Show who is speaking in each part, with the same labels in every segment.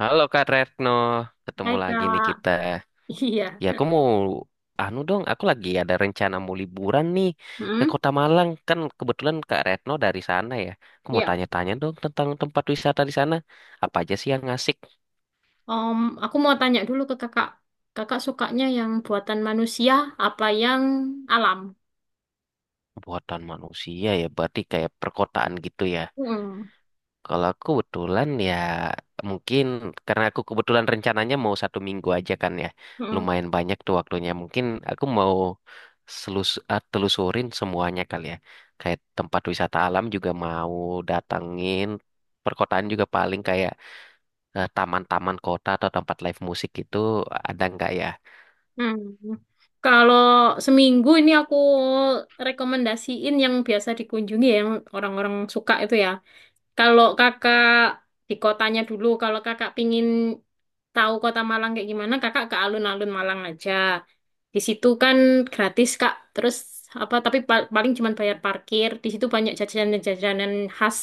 Speaker 1: Halo Kak Retno, ketemu
Speaker 2: Hai
Speaker 1: lagi nih
Speaker 2: Kak,
Speaker 1: kita.
Speaker 2: iya.
Speaker 1: Ya aku mau, anu dong, aku lagi ada rencana mau liburan nih ke
Speaker 2: Hmm?
Speaker 1: Kota Malang. Kan kebetulan Kak Retno dari sana ya. Aku mau
Speaker 2: Iya.
Speaker 1: tanya-tanya dong tentang tempat wisata di sana. Apa aja sih yang asik?
Speaker 2: Om, aku mau tanya dulu ke Kakak. Kakak sukanya yang buatan manusia apa yang alam?
Speaker 1: Buatan manusia ya, berarti kayak perkotaan gitu ya.
Speaker 2: Hmm.
Speaker 1: Kalau aku kebetulan ya, mungkin karena aku kebetulan rencananya mau 1 minggu aja kan ya.
Speaker 2: Hmm.
Speaker 1: Lumayan banyak tuh waktunya. Mungkin aku mau telusurin semuanya kali ya. Kayak tempat wisata alam juga mau datangin. Perkotaan juga paling kayak taman-taman kota atau tempat live musik gitu ada nggak ya?
Speaker 2: Hmm. Kalau seminggu ini aku rekomendasiin yang biasa dikunjungi ya, yang orang-orang suka itu ya. Kalau Kakak di kotanya dulu, kalau Kakak pingin tahu kota Malang kayak gimana, Kakak ke alun-alun Malang aja. Di situ kan gratis, Kak. Terus apa tapi paling cuma bayar parkir. Di situ banyak jajanan-jajanan khas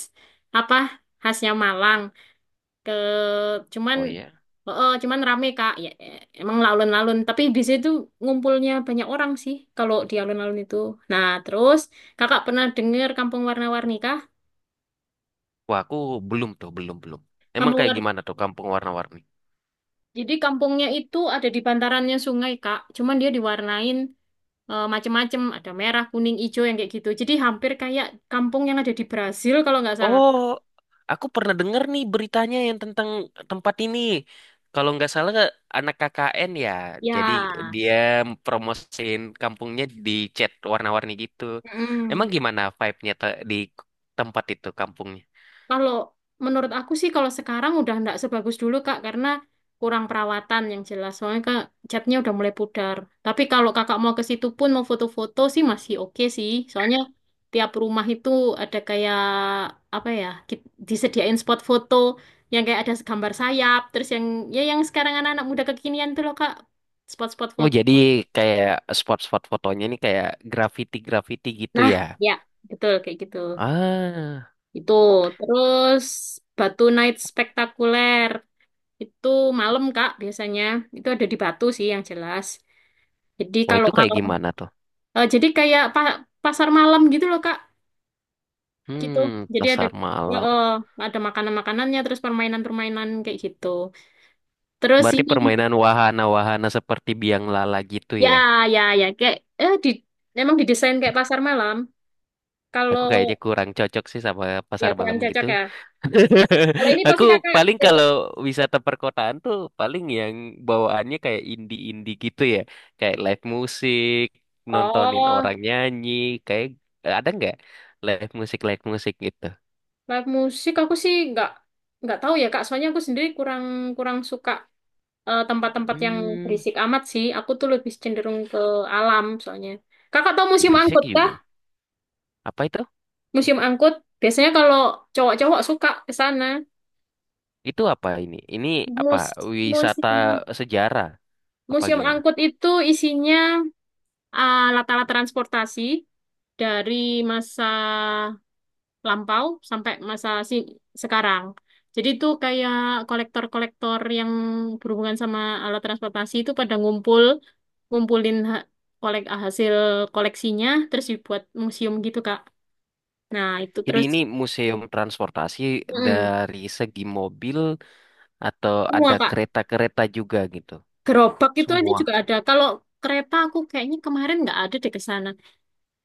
Speaker 2: apa? Khasnya Malang. Ke cuman
Speaker 1: Oh iya.
Speaker 2: oh, cuman rame, Kak. Ya, emang alun-alun, tapi di situ ngumpulnya banyak orang sih kalau di alun-alun itu. Nah, terus Kakak pernah dengar Kampung Warna-Warni kah?
Speaker 1: Wah aku belum tuh, belum belum. Emang
Speaker 2: Kampung
Speaker 1: kayak
Speaker 2: warna
Speaker 1: gimana tuh kampung warna-warni?
Speaker 2: Jadi kampungnya itu ada di bantarannya sungai, Kak. Cuman dia diwarnain macem-macem, ada merah, kuning, hijau yang kayak gitu, jadi hampir kayak kampung yang ada di Brasil kalau nggak salah.
Speaker 1: Oh, aku pernah dengar nih beritanya yang tentang tempat ini. Kalau nggak salah anak KKN ya, jadi
Speaker 2: Ya.
Speaker 1: dia promosiin kampungnya di cat warna-warni gitu. Emang
Speaker 2: Mm-mm.
Speaker 1: gimana di tempat itu kampungnya?
Speaker 2: Kalau menurut aku sih kalau sekarang udah nggak sebagus dulu, Kak, karena kurang perawatan yang jelas. Soalnya, Kak, catnya udah mulai pudar. Tapi kalau Kakak mau ke situ pun mau foto-foto sih masih oke sih. Soalnya tiap rumah itu ada kayak apa ya, disediain spot foto yang kayak ada gambar sayap, terus yang sekarang anak-anak muda kekinian tuh loh, Kak, spot-spot
Speaker 1: Oh,
Speaker 2: foto.
Speaker 1: jadi kayak spot-spot fotonya nih kayak graffiti-graffiti gitu
Speaker 2: Nah,
Speaker 1: ya.
Speaker 2: ya, betul kayak gitu.
Speaker 1: Ah,
Speaker 2: Itu terus Batu Night Spectacular. Itu malam, Kak, biasanya. Itu ada di Batu sih yang jelas. Jadi
Speaker 1: wah
Speaker 2: kalau
Speaker 1: itu kayak
Speaker 2: malam,
Speaker 1: gimana tuh?
Speaker 2: jadi kayak pasar malam gitu loh, Kak. Gitu.
Speaker 1: Hmm,
Speaker 2: Jadi
Speaker 1: pasar
Speaker 2: eh,
Speaker 1: malam.
Speaker 2: eh, ada makanan-makanannya, terus permainan-permainan kayak gitu. Terus
Speaker 1: Berarti
Speaker 2: ini,
Speaker 1: permainan wahana-wahana seperti biang lala gitu
Speaker 2: ya,
Speaker 1: ya?
Speaker 2: ya, ya, kayak eh di memang didesain kayak pasar malam. Kalau
Speaker 1: Aku kayaknya kurang cocok sih sama
Speaker 2: ya
Speaker 1: pasar
Speaker 2: kurang
Speaker 1: malam gitu.
Speaker 2: cocok ya. Kalau ini
Speaker 1: Aku
Speaker 2: pasti Kakak
Speaker 1: paling
Speaker 2: cocok.
Speaker 1: kalau wisata perkotaan tuh paling yang bawaannya kayak indie-indie gitu ya. Kayak live musik, nontonin
Speaker 2: Oh,
Speaker 1: orang nyanyi, kayak ada nggak live musik gitu.
Speaker 2: live musik aku sih nggak tahu ya, Kak. Soalnya aku sendiri kurang kurang suka tempat-tempat yang
Speaker 1: Hmm,
Speaker 2: berisik amat sih. Aku tuh lebih cenderung ke alam soalnya. Kakak tahu museum
Speaker 1: berisik
Speaker 2: angkut kah?
Speaker 1: juga. Apa itu?
Speaker 2: Museum angkut biasanya kalau cowok-cowok suka ke sana.
Speaker 1: Itu apa ini? Ini apa?
Speaker 2: Mus
Speaker 1: Wisata
Speaker 2: museum
Speaker 1: sejarah apa
Speaker 2: museum
Speaker 1: gimana?
Speaker 2: angkut itu isinya latar-latar transportasi dari masa lampau sampai masa sekarang. Jadi itu kayak kolektor-kolektor yang berhubungan sama alat transportasi itu pada ngumpul, ngumpulin hasil koleksinya, terus dibuat museum gitu, Kak. Nah, itu
Speaker 1: Jadi
Speaker 2: terus
Speaker 1: ini museum transportasi
Speaker 2: mm,
Speaker 1: dari segi mobil atau ada
Speaker 2: semua, Kak.
Speaker 1: kereta-kereta juga gitu.
Speaker 2: Gerobak itu aja
Speaker 1: Semua.
Speaker 2: juga ada. Kalau kereta aku kayaknya kemarin nggak ada deh ke sana.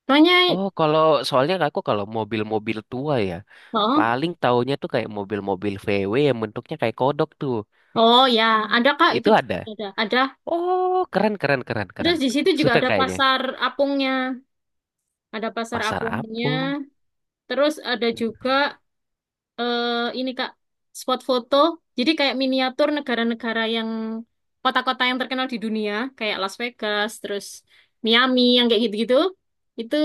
Speaker 2: Soalnya,
Speaker 1: Oh, kalau soalnya aku kalau mobil-mobil tua ya,
Speaker 2: oh,
Speaker 1: paling taunya tuh kayak mobil-mobil VW yang bentuknya kayak kodok tuh.
Speaker 2: oh ya, ada, Kak, itu
Speaker 1: Itu ada.
Speaker 2: ada. Ada.
Speaker 1: Oh, keren keren keren keren.
Speaker 2: Terus di situ juga
Speaker 1: Suka
Speaker 2: ada
Speaker 1: kayaknya.
Speaker 2: pasar apungnya. Ada pasar
Speaker 1: Pasar
Speaker 2: apungnya.
Speaker 1: Apung.
Speaker 2: Terus ada juga eh, ini, Kak, spot foto. Jadi kayak miniatur negara-negara yang kota-kota yang terkenal di dunia, kayak Las Vegas, terus Miami yang kayak gitu-gitu. Itu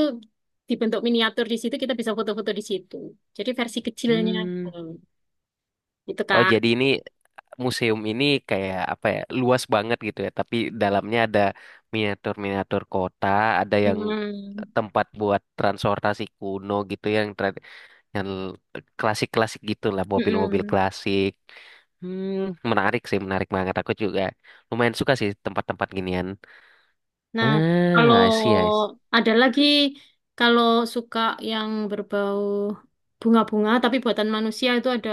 Speaker 2: dibentuk miniatur di situ, kita bisa foto-foto di situ. Jadi versi kecilnya.
Speaker 1: Hmm.
Speaker 2: Hmm, gitu,
Speaker 1: Oh,
Speaker 2: Kak.
Speaker 1: jadi ini museum ini kayak apa ya? Luas banget gitu ya, tapi dalamnya ada miniatur-miniatur kota, ada yang
Speaker 2: Hmm,
Speaker 1: tempat buat transportasi kuno gitu yang yang klasik-klasik gitulah mobil-mobil
Speaker 2: mm-mm.
Speaker 1: klasik. Hmm, menarik sih, menarik banget. Aku juga lumayan suka sih tempat-tempat ginian.
Speaker 2: Nah, kalau
Speaker 1: Ah, I see.
Speaker 2: ada lagi kalau suka yang berbau bunga-bunga tapi buatan manusia itu ada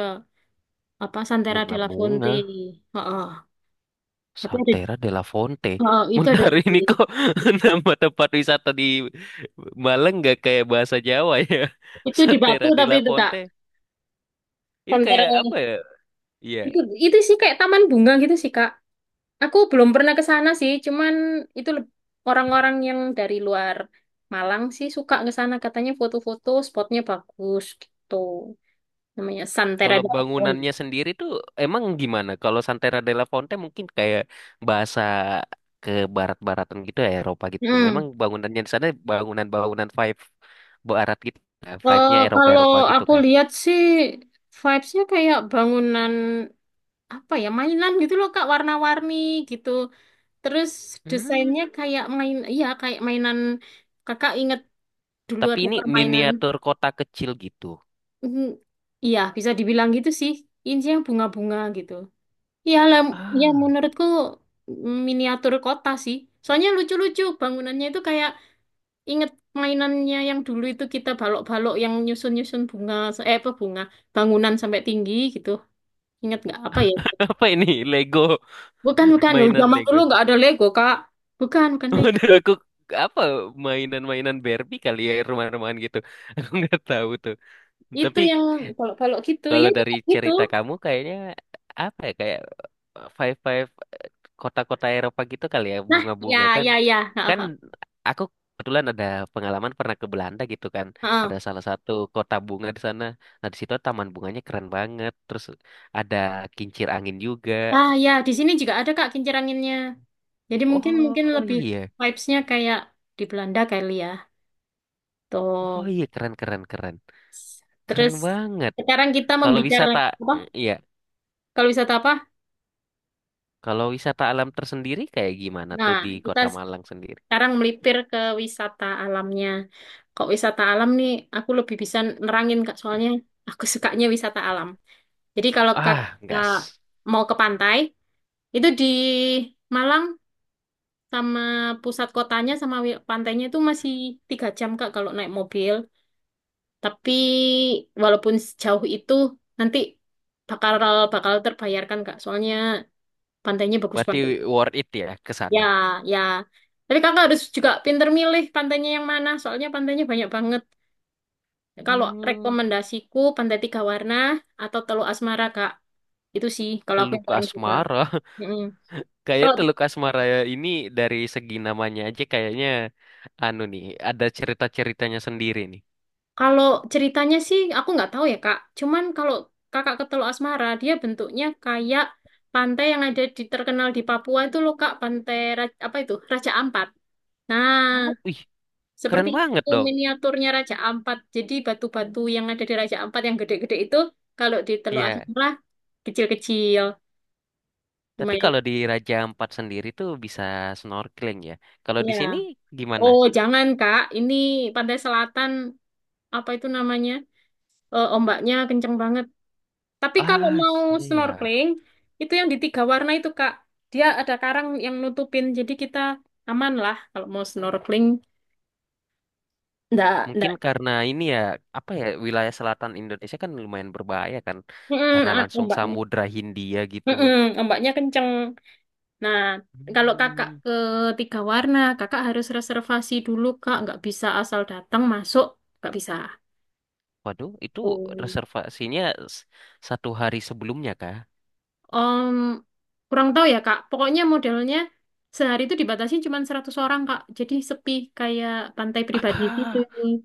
Speaker 2: apa Santera della Fonte.
Speaker 1: Bunga-bunga,
Speaker 2: Heeh. Tapi ada,
Speaker 1: Santera della Fonte.
Speaker 2: heeh, itu ada di
Speaker 1: Bentar ini kok nama tempat wisata di Malang nggak kayak bahasa Jawa ya?
Speaker 2: itu di Batu
Speaker 1: Santera
Speaker 2: tapi
Speaker 1: della
Speaker 2: itu, Kak.
Speaker 1: Fonte. Ini
Speaker 2: Santera
Speaker 1: kayak apa ya? Iya.
Speaker 2: itu itu sih kayak taman bunga gitu sih, Kak. Aku belum pernah ke sana sih, cuman itu leb- orang-orang yang dari luar Malang sih suka ke sana katanya foto-foto spotnya bagus gitu. Namanya Santera
Speaker 1: Kalau
Speaker 2: della Fonte.
Speaker 1: bangunannya sendiri tuh emang gimana? Kalau Santera della Fonte mungkin kayak bahasa ke barat-baratan gitu ya Eropa gitu. Memang
Speaker 2: Hmm.
Speaker 1: bangunannya di sana bangunan-bangunan five barat gitu. Ya? Five-nya
Speaker 2: Kalau
Speaker 1: Eropa-Eropa gitu
Speaker 2: aku
Speaker 1: kan.
Speaker 2: lihat sih vibes-nya kayak bangunan apa ya, mainan gitu loh, Kak, warna-warni gitu. Terus
Speaker 1: Hmm,
Speaker 2: desainnya kayak main, iya kayak mainan. Kakak inget dulu
Speaker 1: tapi
Speaker 2: ada
Speaker 1: ini
Speaker 2: permainan.
Speaker 1: miniatur kota kecil gitu.
Speaker 2: Mm. Iya, bisa dibilang gitu sih. Ini sih yang bunga-bunga gitu. Iya lah, ya
Speaker 1: Ah,
Speaker 2: menurutku miniatur kota sih. Soalnya lucu-lucu bangunannya itu kayak inget mainannya yang dulu itu kita balok-balok yang nyusun-nyusun bunga, eh apa bunga, bangunan sampai tinggi gitu. Ingat nggak apa ya?
Speaker 1: apa ini? Lego,
Speaker 2: Bukan, bukan. Dulu
Speaker 1: mainan
Speaker 2: zaman dulu
Speaker 1: Lego.
Speaker 2: nggak ada Lego, Kak. Bukan, bukan Lego.
Speaker 1: Waduh, aku apa mainan-mainan Barbie kali ya rumah-rumahan gitu. Aku nggak tahu tuh.
Speaker 2: Itu
Speaker 1: Tapi
Speaker 2: yang kalau-kalau gitu ya
Speaker 1: kalau dari
Speaker 2: juga gitu.
Speaker 1: cerita kamu kayaknya apa ya kayak five kota-kota Eropa gitu kali ya
Speaker 2: Nah,
Speaker 1: bunga-bunga
Speaker 2: ya,
Speaker 1: kan,
Speaker 2: ya, ya. Ha,
Speaker 1: kan
Speaker 2: ha,
Speaker 1: aku kebetulan ada pengalaman pernah ke Belanda gitu kan, ada
Speaker 2: ha.
Speaker 1: salah satu kota bunga di sana. Nah di situ taman bunganya keren banget, terus ada kincir angin juga.
Speaker 2: Ah ya, di sini juga ada, Kak, kincir anginnya. Jadi mungkin
Speaker 1: Oh
Speaker 2: mungkin lebih
Speaker 1: iya,
Speaker 2: vibes-nya kayak di Belanda kali ya.
Speaker 1: oh
Speaker 2: Tuh.
Speaker 1: iya, keren, keren
Speaker 2: Terus
Speaker 1: banget.
Speaker 2: sekarang kita
Speaker 1: Kalau
Speaker 2: membicarakan
Speaker 1: wisata,
Speaker 2: apa?
Speaker 1: iya
Speaker 2: Kalau wisata apa?
Speaker 1: kalau wisata alam tersendiri kayak gimana
Speaker 2: Nah,
Speaker 1: tuh di
Speaker 2: kita
Speaker 1: kota Malang sendiri?
Speaker 2: sekarang melipir ke wisata alamnya. Kok wisata alam nih aku lebih bisa nerangin, Kak, soalnya aku sukanya wisata alam. Jadi kalau Kak,
Speaker 1: Ah,
Speaker 2: eh,
Speaker 1: gas.
Speaker 2: mau ke pantai. Itu di Malang, sama pusat kotanya sama pantainya itu masih 3 jam, Kak, kalau naik mobil. Tapi walaupun sejauh itu, nanti bakal bakal terbayarkan, Kak. Soalnya pantainya bagus
Speaker 1: Berarti
Speaker 2: banget.
Speaker 1: worth it ya ke
Speaker 2: Ya,
Speaker 1: sana.
Speaker 2: ya. Tapi Kakak harus juga pinter milih pantainya yang mana. Soalnya pantainya banyak banget. Kalau
Speaker 1: Hmm,
Speaker 2: rekomendasiku Pantai Tiga Warna atau Teluk Asmara, Kak. Itu sih kalau aku
Speaker 1: Teluk
Speaker 2: yang paling suka.
Speaker 1: Asmara.
Speaker 2: Mm-mm.
Speaker 1: Kayak
Speaker 2: Kalau
Speaker 1: Teluk Asmara ini dari segi namanya aja kayaknya anu nih, ada cerita-ceritanya sendiri nih.
Speaker 2: Kalau ceritanya sih aku nggak tahu ya, Kak. Cuman kalau Kakak ke Teluk Asmara, dia bentuknya kayak pantai yang ada di terkenal di Papua itu loh, Kak, pantai apa itu? Raja Ampat. Nah,
Speaker 1: Oh, ih, keren
Speaker 2: seperti
Speaker 1: banget
Speaker 2: itu
Speaker 1: dong.
Speaker 2: miniaturnya Raja Ampat. Jadi batu-batu yang ada di Raja Ampat yang gede-gede itu kalau di Teluk
Speaker 1: Iya,
Speaker 2: Asmara kecil-kecil.
Speaker 1: tapi
Speaker 2: Lumayan.
Speaker 1: kalau di Raja Ampat sendiri tuh bisa snorkeling ya. Kalau di
Speaker 2: Ya.
Speaker 1: sini gimana?
Speaker 2: Oh, jangan, Kak, ini pantai selatan apa itu namanya? Ombaknya kenceng banget. Tapi kalau
Speaker 1: Ah,
Speaker 2: mau
Speaker 1: iya ya.
Speaker 2: snorkeling, itu yang di tiga warna itu, Kak. Dia ada karang yang nutupin, jadi kita aman lah kalau mau snorkeling. Nggak, nggak.
Speaker 1: Mungkin karena ini ya, apa ya, wilayah selatan Indonesia kan lumayan berbahaya kan.
Speaker 2: Mm-mm,
Speaker 1: Karena langsung
Speaker 2: ombaknya.
Speaker 1: Samudra Hindia gitu.
Speaker 2: Mm-mm, ombaknya kenceng. Nah, kalau kakak
Speaker 1: Hmm.
Speaker 2: ke tiga warna, kakak harus reservasi dulu, Kak. Nggak bisa asal datang masuk, nggak bisa.
Speaker 1: Waduh, itu
Speaker 2: Oh.
Speaker 1: reservasinya s- satu hari sebelumnya kah?
Speaker 2: Om, kurang tahu ya, Kak. Pokoknya modelnya sehari itu dibatasi cuma 100 orang, Kak. Jadi sepi kayak pantai pribadi
Speaker 1: Ah,
Speaker 2: gitu.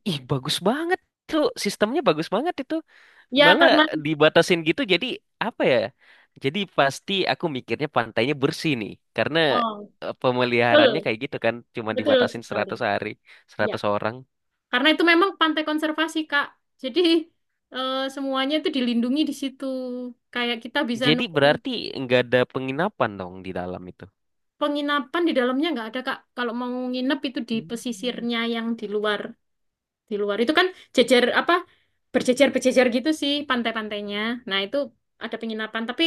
Speaker 1: ih bagus banget tuh, sistemnya bagus banget itu,
Speaker 2: Ya,
Speaker 1: malah
Speaker 2: karena
Speaker 1: dibatasin gitu jadi apa ya? Jadi pasti aku mikirnya pantainya bersih nih karena
Speaker 2: Oh,
Speaker 1: pemeliharannya
Speaker 2: betul,
Speaker 1: kayak gitu kan, cuma
Speaker 2: betul
Speaker 1: dibatasin
Speaker 2: sekali.
Speaker 1: 100 hari,
Speaker 2: Ya,
Speaker 1: 100 orang.
Speaker 2: karena itu memang pantai konservasi, Kak. Jadi, semuanya itu dilindungi di situ. Kayak kita bisa
Speaker 1: Jadi
Speaker 2: nemu
Speaker 1: berarti nggak ada penginapan dong di dalam itu.
Speaker 2: penginapan di dalamnya nggak ada, Kak. Kalau mau nginep itu di
Speaker 1: Hmm,
Speaker 2: pesisirnya yang di luar itu kan jejer apa berjejer berjejer gitu sih pantai-pantainya. Nah, itu ada penginapan, tapi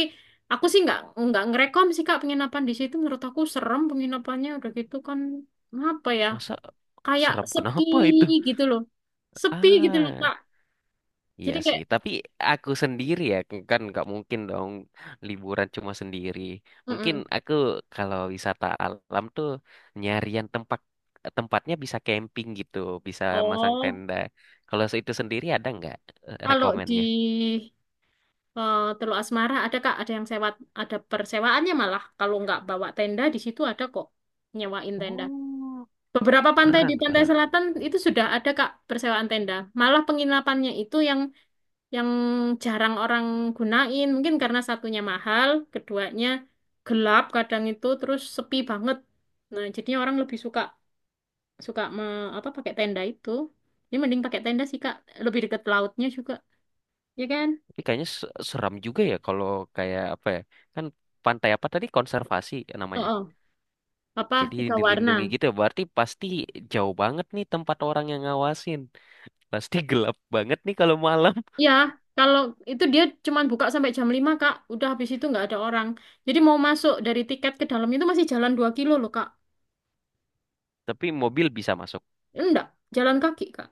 Speaker 2: aku sih nggak ngerekom sih, Kak, penginapan di situ. Menurut aku serem penginapannya, udah gitu kan apa ya,
Speaker 1: masa
Speaker 2: kayak
Speaker 1: serem
Speaker 2: sepi
Speaker 1: kenapa itu?
Speaker 2: gitu loh. Sepi gitu loh,
Speaker 1: Ah.
Speaker 2: Kak.
Speaker 1: Iya
Speaker 2: Jadi kayak,
Speaker 1: sih, tapi aku sendiri ya kan nggak mungkin dong liburan cuma sendiri. Mungkin
Speaker 2: mm-mm.
Speaker 1: aku kalau wisata alam tuh nyarian tempat tempatnya bisa camping gitu, bisa masang
Speaker 2: Oh,
Speaker 1: tenda. Kalau itu sendiri ada nggak
Speaker 2: kalau di
Speaker 1: rekomennya?
Speaker 2: Teluk Asmara ada, Kak, ada yang sewa, ada persewaannya malah. Kalau nggak bawa tenda di situ ada kok nyewain tenda.
Speaker 1: Oh,
Speaker 2: Beberapa pantai di
Speaker 1: keren
Speaker 2: pantai
Speaker 1: keren.
Speaker 2: selatan itu sudah ada, Kak, persewaan tenda. Malah penginapannya itu yang jarang orang gunain, mungkin karena satunya mahal, keduanya gelap kadang itu, terus sepi banget. Nah, jadinya orang lebih suka suka me, apa pakai tenda itu. Jadi mending pakai tenda sih, Kak, lebih dekat lautnya juga, ya kan?
Speaker 1: Tapi kayaknya seram juga ya kalau kayak apa ya? Kan pantai apa tadi konservasi
Speaker 2: Oh,
Speaker 1: namanya.
Speaker 2: oh. Apa
Speaker 1: Jadi
Speaker 2: tiga warna?
Speaker 1: dilindungi gitu ya. Berarti pasti jauh banget nih tempat orang yang ngawasin. Pasti gelap banget nih kalau malam.
Speaker 2: Iya, kalau itu dia cuman buka sampai jam 5, Kak, udah habis itu nggak ada orang. Jadi mau masuk dari tiket ke dalam itu masih jalan 2 kilo loh, Kak.
Speaker 1: Tapi mobil bisa masuk.
Speaker 2: Enggak, jalan kaki, Kak.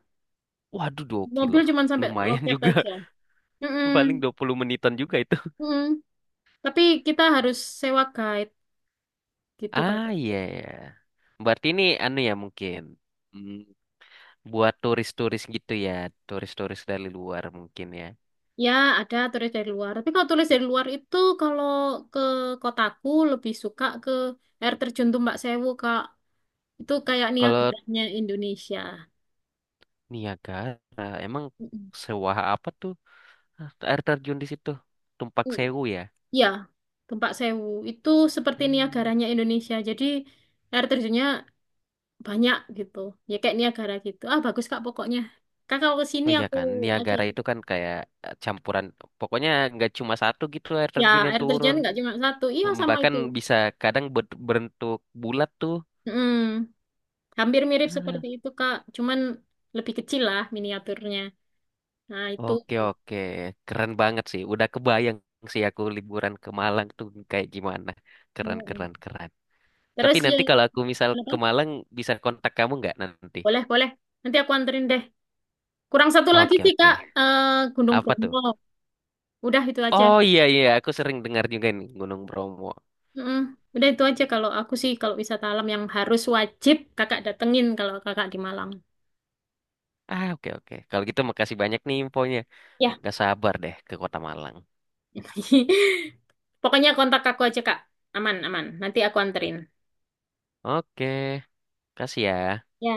Speaker 1: Waduh, 2 kilo.
Speaker 2: Mobil cuman sampai
Speaker 1: Lumayan
Speaker 2: loket
Speaker 1: juga.
Speaker 2: aja. Mm-mm.
Speaker 1: Paling 20 menitan juga itu.
Speaker 2: Mm-mm. Tapi kita harus sewa guide gitu,
Speaker 1: Ah,
Speaker 2: Kak.
Speaker 1: iya ya. Berarti ini anu ya mungkin. Hmm, buat turis-turis gitu ya. Turis-turis dari luar mungkin ya.
Speaker 2: Ya, ada turis dari luar. Tapi kalau turis dari luar itu kalau ke kotaku lebih suka ke air terjun Tumbak Sewu, Kak. Itu kayak
Speaker 1: Kalau
Speaker 2: Niagaranya Indonesia.
Speaker 1: Niagara, emang
Speaker 2: Mm-mm.
Speaker 1: sewah apa tuh? Ah, air terjun di situ. Tumpak
Speaker 2: Mm.
Speaker 1: Sewu ya.
Speaker 2: Ya, Tumbak Sewu itu seperti
Speaker 1: Hmm.
Speaker 2: Niagaranya Indonesia. Jadi air terjunnya banyak gitu. Ya kayak Niagara gitu. Ah, bagus, Kak, pokoknya. Kak kalau ke sini
Speaker 1: Oh iya
Speaker 2: aku
Speaker 1: kan,
Speaker 2: aja.
Speaker 1: Niagara itu kan kayak campuran. Pokoknya nggak cuma satu gitu air
Speaker 2: Ya,
Speaker 1: terjun yang
Speaker 2: air terjun
Speaker 1: turun.
Speaker 2: nggak cuma satu. Iya, sama
Speaker 1: Bahkan
Speaker 2: itu.
Speaker 1: bisa kadang berbentuk bulat tuh.
Speaker 2: Mm. Hampir mirip seperti
Speaker 1: Ah,
Speaker 2: itu, Kak. Cuman lebih kecil lah miniaturnya. Nah, itu.
Speaker 1: oke oke, keren banget sih. Udah kebayang sih aku liburan ke Malang tuh kayak gimana. Keren
Speaker 2: Mm.
Speaker 1: keren keren.
Speaker 2: Terus
Speaker 1: Tapi nanti
Speaker 2: yang
Speaker 1: kalau aku misal
Speaker 2: apa?
Speaker 1: ke Malang bisa kontak kamu nggak nanti?
Speaker 2: Boleh, boleh. Nanti aku anterin deh. Kurang satu lagi
Speaker 1: Oke
Speaker 2: sih,
Speaker 1: oke.
Speaker 2: Kak. Gunung
Speaker 1: Apa tuh?
Speaker 2: Bromo. Udah itu aja.
Speaker 1: Oh iya iya, aku sering dengar juga nih Gunung Bromo.
Speaker 2: Mm-mm. Udah itu aja kalau aku sih kalau wisata alam yang harus wajib Kakak datengin kalau Kakak di Malang.
Speaker 1: Ah oke oke. Kalau gitu makasih banyak nih infonya.
Speaker 2: Ya.
Speaker 1: Gak sabar deh ke Kota Malang.
Speaker 2: Pokoknya kontak aku aja, Kak. Aman, aman. Nanti aku anterin.
Speaker 1: Oke, kasih ya.
Speaker 2: Ya.